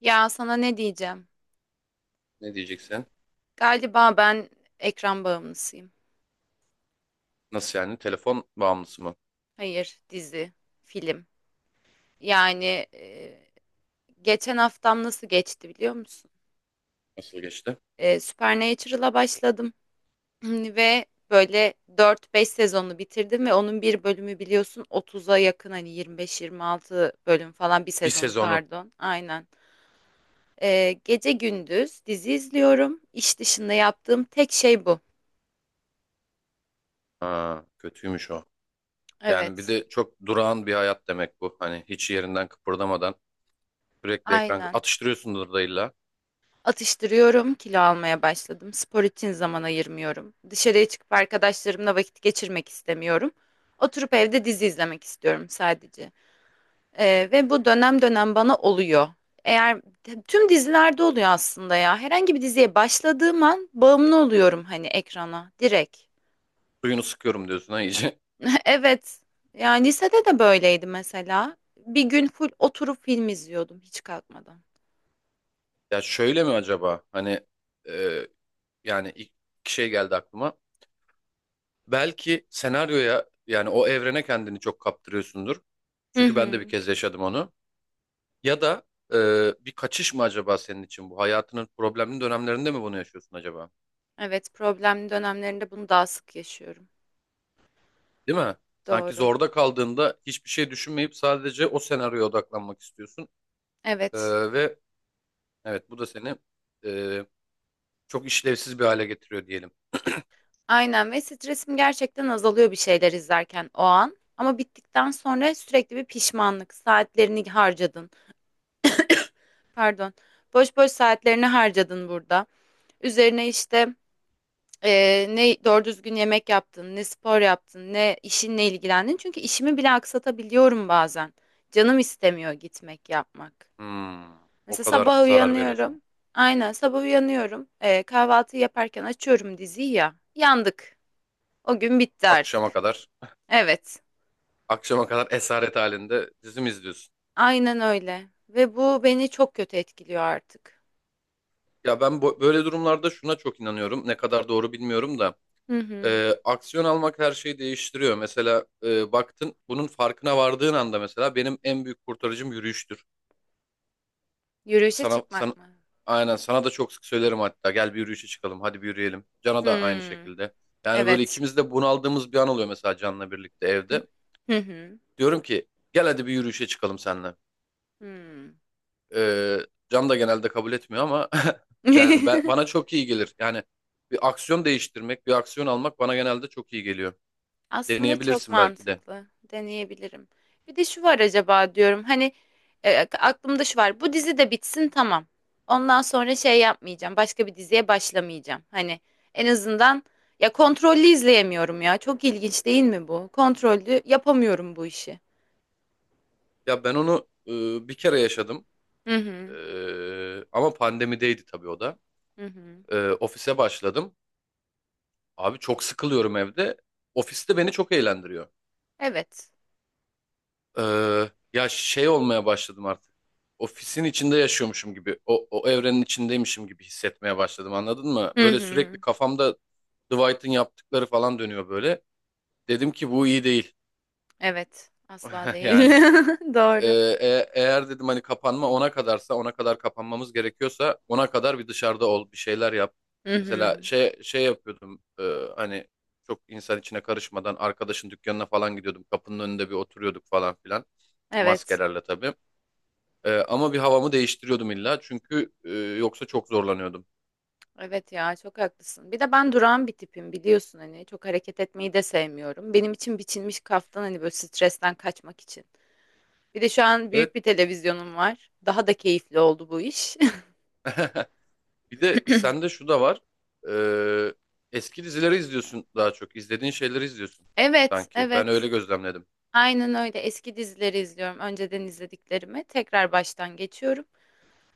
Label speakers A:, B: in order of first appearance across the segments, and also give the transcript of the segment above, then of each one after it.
A: Ya sana ne diyeceğim?
B: Ne diyeceksin?
A: Galiba ben ekran bağımlısıyım.
B: Nasıl yani? Telefon bağımlısı mı?
A: Hayır, dizi, film. Yani e, geçen haftam nasıl geçti biliyor musun?
B: Nasıl geçti?
A: Supernatural'a başladım ve böyle dört beş sezonu bitirdim ve onun bir bölümü biliyorsun 30'a yakın, hani 25 26 bölüm falan bir
B: Bir
A: sezonu,
B: sezonu.
A: pardon. Aynen. Gece gündüz dizi izliyorum. İş dışında yaptığım tek şey bu.
B: Ha, kötüymüş o. Yani bir
A: Evet.
B: de çok durağan bir hayat demek bu. Hani hiç yerinden kıpırdamadan sürekli ekran
A: Aynen.
B: atıştırıyorsundur da illa.
A: Atıştırıyorum, kilo almaya başladım. Spor için zaman ayırmıyorum. Dışarıya çıkıp arkadaşlarımla vakit geçirmek istemiyorum. Oturup evde dizi izlemek istiyorum sadece. Ve bu dönem dönem bana oluyor. Eğer tüm dizilerde oluyor aslında ya. Herhangi bir diziye başladığım an bağımlı oluyorum, hani ekrana direkt.
B: Suyunu sıkıyorum diyorsun ha iyice.
A: Evet. Yani lisede de böyleydi mesela. Bir gün full oturup film izliyordum hiç kalkmadan.
B: Ya şöyle mi acaba? Hani e, yani ilk iki şey geldi aklıma. Belki senaryoya yani o evrene kendini çok kaptırıyorsundur.
A: Hı
B: Çünkü ben de bir
A: hı.
B: kez yaşadım onu. Ya da bir kaçış mı acaba senin için bu? Hayatının problemli dönemlerinde mi bunu yaşıyorsun acaba?
A: Evet, problemli dönemlerinde bunu daha sık yaşıyorum.
B: Değil mi? Sanki
A: Doğru.
B: zorda kaldığında hiçbir şey düşünmeyip sadece o senaryoya odaklanmak istiyorsun. E,
A: Evet.
B: ve evet bu da seni e, çok işlevsiz bir hale getiriyor diyelim.
A: Aynen, ve stresim gerçekten azalıyor bir şeyler izlerken o an. Ama bittikten sonra sürekli bir pişmanlık. Saatlerini harcadın. Pardon. Boş boş saatlerini harcadın burada. Üzerine işte ne doğru düzgün yemek yaptın, ne spor yaptın, ne işinle ilgilendin. Çünkü işimi bile aksatabiliyorum bazen. Canım istemiyor gitmek yapmak.
B: Hmm, O
A: Mesela
B: kadar
A: sabah
B: zarar veriyorsun.
A: uyanıyorum. Aynen, sabah uyanıyorum. Kahvaltı yaparken açıyorum diziyi ya. Yandık. O gün bitti
B: Akşama
A: artık.
B: kadar,
A: Evet,
B: akşama kadar esaret halinde dizi mi izliyorsun?
A: aynen öyle. Ve bu beni çok kötü etkiliyor artık.
B: Ya ben böyle durumlarda şuna çok inanıyorum. Ne kadar doğru bilmiyorum da.
A: Hı hı.
B: Aksiyon almak her şeyi değiştiriyor. Mesela baktın bunun farkına vardığın anda mesela benim en büyük kurtarıcım yürüyüştür.
A: Yürüyüşe
B: Sana
A: çıkmak mı?
B: aynen sana da çok sık söylerim hatta gel bir yürüyüşe çıkalım hadi bir yürüyelim. Can'a da aynı
A: Hmm,
B: şekilde. Yani böyle
A: evet.
B: ikimiz de bunaldığımız bir an oluyor mesela Can'la birlikte evde.
A: Hı hı.
B: Diyorum ki gel hadi bir yürüyüşe çıkalım seninle.
A: Hmm.
B: E, Can da genelde kabul etmiyor ama yani bana çok iyi gelir. Yani bir aksiyon değiştirmek, bir aksiyon almak bana genelde çok iyi geliyor.
A: Aslında çok
B: Deneyebilirsin belki de.
A: mantıklı. Deneyebilirim. Bir de şu var acaba diyorum. Hani aklımda şu var. Bu dizi de bitsin, tamam. Ondan sonra şey yapmayacağım. Başka bir diziye başlamayacağım. Hani en azından, ya, kontrollü izleyemiyorum ya. Çok ilginç değil mi bu? Kontrollü yapamıyorum bu işi.
B: Ya ben onu bir kere yaşadım.
A: Hı hı.
B: Ama pandemideydi tabii o da.
A: Hı hı.
B: Ofise başladım. Abi çok sıkılıyorum evde. Ofiste beni çok eğlendiriyor.
A: Evet.
B: E, Ya şey olmaya başladım artık. Ofisin içinde yaşıyormuşum gibi. O, o evrenin içindeymişim gibi hissetmeye başladım anladın mı?
A: Hı
B: Böyle sürekli
A: hı.
B: kafamda Dwight'ın yaptıkları falan dönüyor böyle. Dedim ki bu iyi değil.
A: Evet. Asla değil.
B: Yani Ee,
A: Doğru.
B: Eğer dedim hani kapanma ona kadarsa ona kadar kapanmamız gerekiyorsa ona kadar bir dışarıda ol bir şeyler yap.
A: Hı
B: Mesela
A: hı.
B: şey yapıyordum, hani çok insan içine karışmadan arkadaşın dükkanına falan gidiyordum. Kapının önünde bir oturuyorduk falan filan
A: Evet.
B: maskelerle tabii. Ama bir havamı değiştiriyordum illa çünkü yoksa çok zorlanıyordum.
A: Evet ya, çok haklısın. Bir de ben durağan bir tipim, biliyorsun, hani çok hareket etmeyi de sevmiyorum. Benim için biçilmiş kaftan hani, böyle stresten kaçmak için. Bir de şu an büyük
B: Evet,
A: bir televizyonum var. Daha da keyifli oldu bu iş.
B: bir de sende şu da var. Eski dizileri izliyorsun, daha çok izlediğin şeyleri izliyorsun,
A: Evet,
B: sanki ben
A: evet.
B: öyle gözlemledim.
A: Aynen öyle. Eski dizileri izliyorum. Önceden izlediklerimi tekrar baştan geçiyorum.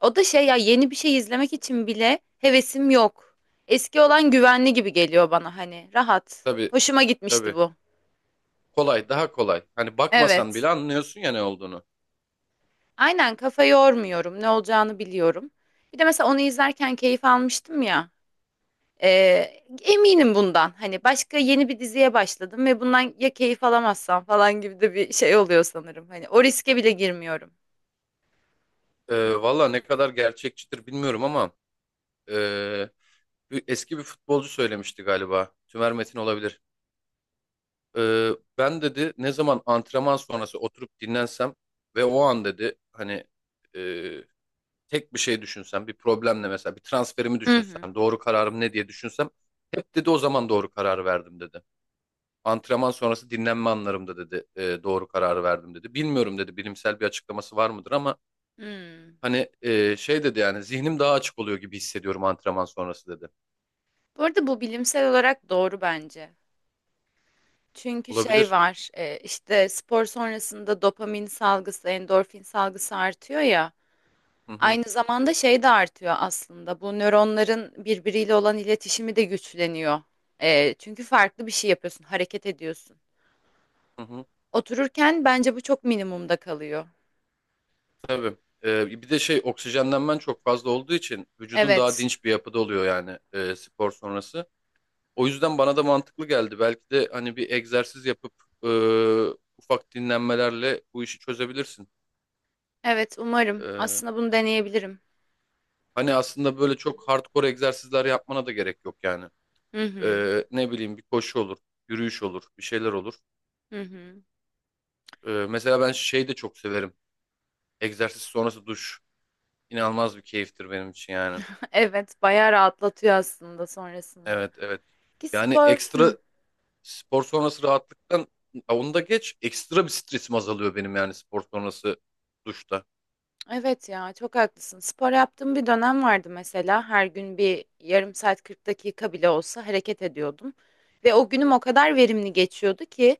A: O da şey ya, yeni bir şey izlemek için bile hevesim yok. Eski olan güvenli gibi geliyor bana, hani rahat.
B: Tabii
A: Hoşuma gitmişti
B: tabii.
A: bu.
B: Kolay, daha kolay. Hani bakmasan
A: Evet.
B: bile anlıyorsun ya ne olduğunu.
A: Aynen, kafa yormuyorum. Ne olacağını biliyorum. Bir de mesela onu izlerken keyif almıştım ya. Eminim bundan. Hani başka yeni bir diziye başladım ve bundan ya keyif alamazsam falan gibi de bir şey oluyor sanırım. Hani o riske bile girmiyorum.
B: Valla ne kadar gerçekçidir bilmiyorum ama ee, eski bir futbolcu söylemişti galiba. Tümer Metin olabilir. Ee, Ben dedi ne zaman antrenman sonrası oturup dinlensem ve o an dedi hani ee, tek bir şey düşünsem, bir problemle mesela bir transferimi
A: Hı hı.
B: düşünsem, doğru kararım ne diye düşünsem hep dedi o zaman doğru karar verdim dedi. Antrenman sonrası dinlenme anlarımda dedi doğru kararı verdim dedi. Bilmiyorum dedi bilimsel bir açıklaması var mıdır ama
A: Hmm.
B: hani şey dedi yani zihnim daha açık oluyor gibi hissediyorum antrenman sonrası dedi.
A: Bu arada bu bilimsel olarak doğru bence. Çünkü şey
B: Olabilir.
A: var, işte spor sonrasında dopamin salgısı, endorfin salgısı artıyor ya.
B: Hı hı,
A: Aynı zamanda şey de artıyor aslında. Bu nöronların birbiriyle olan iletişimi de güçleniyor. Çünkü farklı bir şey yapıyorsun, hareket ediyorsun.
B: hı hı.
A: Otururken bence bu çok minimumda kalıyor.
B: Tabii. Bir de şey, oksijenlenmen çok fazla olduğu için vücudun daha
A: Evet,
B: dinç bir yapıda oluyor yani spor sonrası. O yüzden bana da mantıklı geldi. Belki de hani bir egzersiz yapıp e, ufak dinlenmelerle bu işi çözebilirsin.
A: evet, umarım.
B: E,
A: Aslında bunu deneyebilirim.
B: Hani aslında böyle çok hardcore egzersizler yapmana da gerek yok yani.
A: Hı hı,
B: Ne bileyim bir koşu olur, yürüyüş olur, bir şeyler olur.
A: hı hı.
B: Mesela ben şey de çok severim. Egzersiz sonrası duş inanılmaz bir keyiftir benim için yani.
A: Evet, bayağı rahatlatıyor aslında sonrasında.
B: Evet evet.
A: Ki
B: Yani
A: spor.
B: ekstra
A: Hı.
B: spor sonrası rahatlıktan, ha, onu da geç. Ekstra bir stresim azalıyor benim yani spor sonrası duşta.
A: Evet ya, çok haklısın. Spor yaptığım bir dönem vardı mesela. Her gün bir yarım saat 40 dakika bile olsa hareket ediyordum. Ve o günüm o kadar verimli geçiyordu ki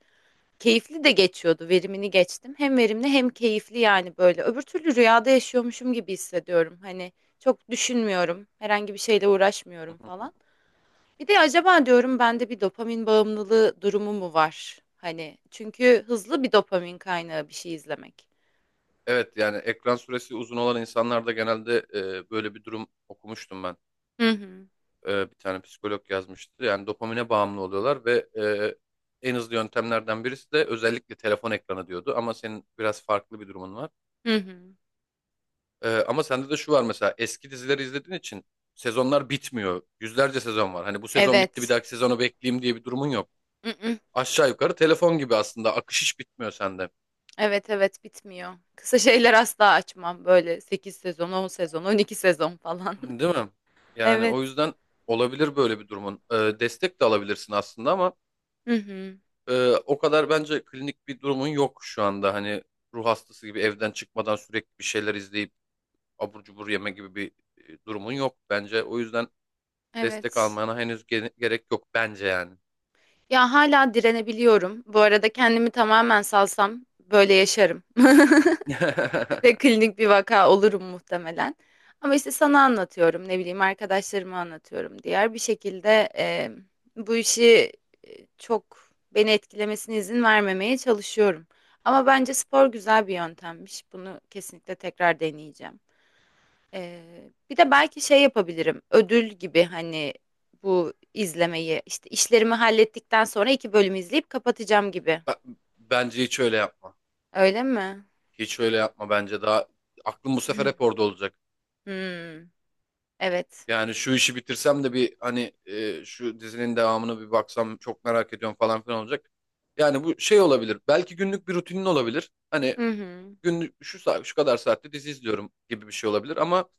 A: keyifli de geçiyordu. Verimini geçtim. Hem verimli hem keyifli, yani böyle. Öbür türlü rüyada yaşıyormuşum gibi hissediyorum. Hani çok düşünmüyorum. Herhangi bir şeyle
B: Hı
A: uğraşmıyorum
B: hı hı.
A: falan. Bir de acaba diyorum, bende bir dopamin bağımlılığı durumu mu var? Hani çünkü hızlı bir dopamin kaynağı bir şey izlemek.
B: Evet, yani ekran süresi uzun olan insanlarda genelde böyle bir durum okumuştum ben.
A: Hı hı.
B: Bir tane psikolog yazmıştı. Yani dopamine bağımlı oluyorlar ve en hızlı yöntemlerden birisi de özellikle telefon ekranı diyordu. Ama senin biraz farklı bir durumun var.
A: Hı hı.
B: Ama sende de şu var mesela, eski dizileri izlediğin için sezonlar bitmiyor. Yüzlerce sezon var. Hani bu sezon bitti bir
A: Evet.
B: dahaki sezonu bekleyeyim diye bir durumun yok.
A: Mm-mm.
B: Aşağı yukarı telefon gibi aslında akış hiç bitmiyor sende.
A: Evet evet, bitmiyor. Kısa şeyler asla açmam. Böyle 8 sezon, 10 sezon, 12 sezon falan.
B: Değil mi? Yani o
A: Evet.
B: yüzden olabilir böyle bir durumun. Destek de alabilirsin aslında ama
A: Hı hı.
B: o kadar bence klinik bir durumun yok şu anda. Hani ruh hastası gibi evden çıkmadan sürekli bir şeyler izleyip abur cubur yeme gibi bir durumun yok bence. O yüzden destek
A: Evet.
B: almana henüz gerek yok bence yani.
A: Ya, hala direnebiliyorum. Bu arada kendimi tamamen salsam böyle yaşarım. Ve klinik bir vaka olurum muhtemelen. Ama işte sana anlatıyorum, ne bileyim, arkadaşlarıma anlatıyorum. Diğer bir şekilde bu işi çok beni etkilemesine izin vermemeye çalışıyorum. Ama bence spor güzel bir yöntemmiş. Bunu kesinlikle tekrar deneyeceğim. Bir de belki şey yapabilirim. Ödül gibi, hani bu izlemeyi işte işlerimi hallettikten sonra iki bölüm izleyip kapatacağım gibi.
B: Bence hiç öyle yapma.
A: Öyle mi?
B: Hiç öyle yapma bence daha. Aklım bu sefer hep orada olacak.
A: Hmm, evet.
B: Yani şu işi bitirsem de bir hani şu dizinin devamını bir baksam çok merak ediyorum falan filan olacak. Yani bu şey olabilir. Belki günlük bir rutinin olabilir. Hani
A: Hı hı.
B: günlük şu saat şu kadar saatte dizi izliyorum gibi bir şey olabilir ama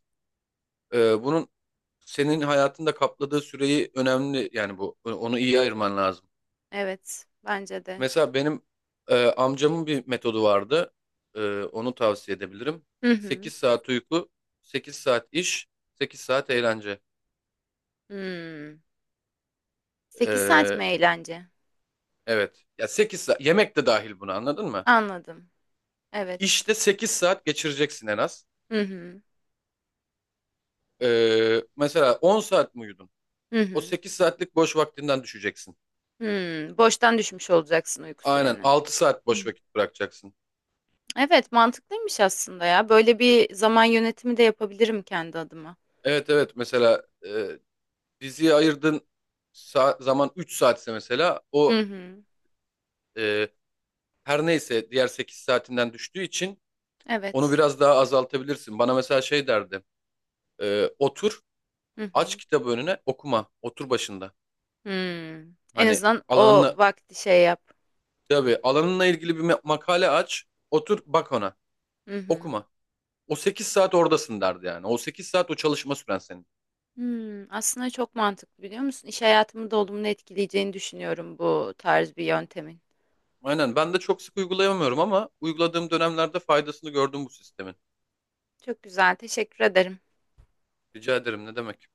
B: bunun senin hayatında kapladığı süreyi önemli, yani bu, onu iyi ayırman lazım.
A: Evet, bence de.
B: Mesela benim amcamın bir metodu vardı. Onu tavsiye edebilirim.
A: Hı hı.
B: 8 saat uyku, 8 saat iş, 8 saat eğlence.
A: Hmm. 8 saat
B: E,
A: mi eğlence?
B: evet. Ya 8 saat yemek de dahil buna anladın mı?
A: Anladım. Evet.
B: İşte 8 saat geçireceksin en az.
A: Hı hı.
B: Mesela 10 saat mi uyudun?
A: Hı
B: O
A: hı.
B: 8 saatlik boş vaktinden düşeceksin.
A: Hmm, boştan düşmüş olacaksın uyku
B: Aynen
A: süreni.
B: 6 saat boş
A: Hmm.
B: vakit bırakacaksın.
A: Evet, mantıklıymış aslında ya. Böyle bir zaman yönetimi de yapabilirim kendi adıma.
B: Evet evet, mesela diziye ayırdığın zaman 3 saatse mesela
A: Hı
B: o,
A: hı.
B: e, her neyse diğer 8 saatinden düştüğü için onu
A: Evet.
B: biraz daha azaltabilirsin. Bana mesela şey derdi. Otur,
A: Hı
B: aç
A: hı.
B: kitabı önüne, okuma. Otur başında.
A: Hmm. En
B: Hani
A: azından o
B: alanına,
A: vakti şey yap.
B: tabii alanınla ilgili bir makale aç, otur bak ona.
A: Hı hı.
B: Okuma. O 8 saat oradasın derdi yani. O 8 saat o çalışma süren senin.
A: Hmm, aslında çok mantıklı, biliyor musun? İş hayatımı da olumlu etkileyeceğini düşünüyorum bu tarz bir yöntemin.
B: Aynen ben de çok sık uygulayamıyorum ama uyguladığım dönemlerde faydasını gördüm bu sistemin.
A: Çok güzel, teşekkür ederim.
B: Rica ederim ne demek.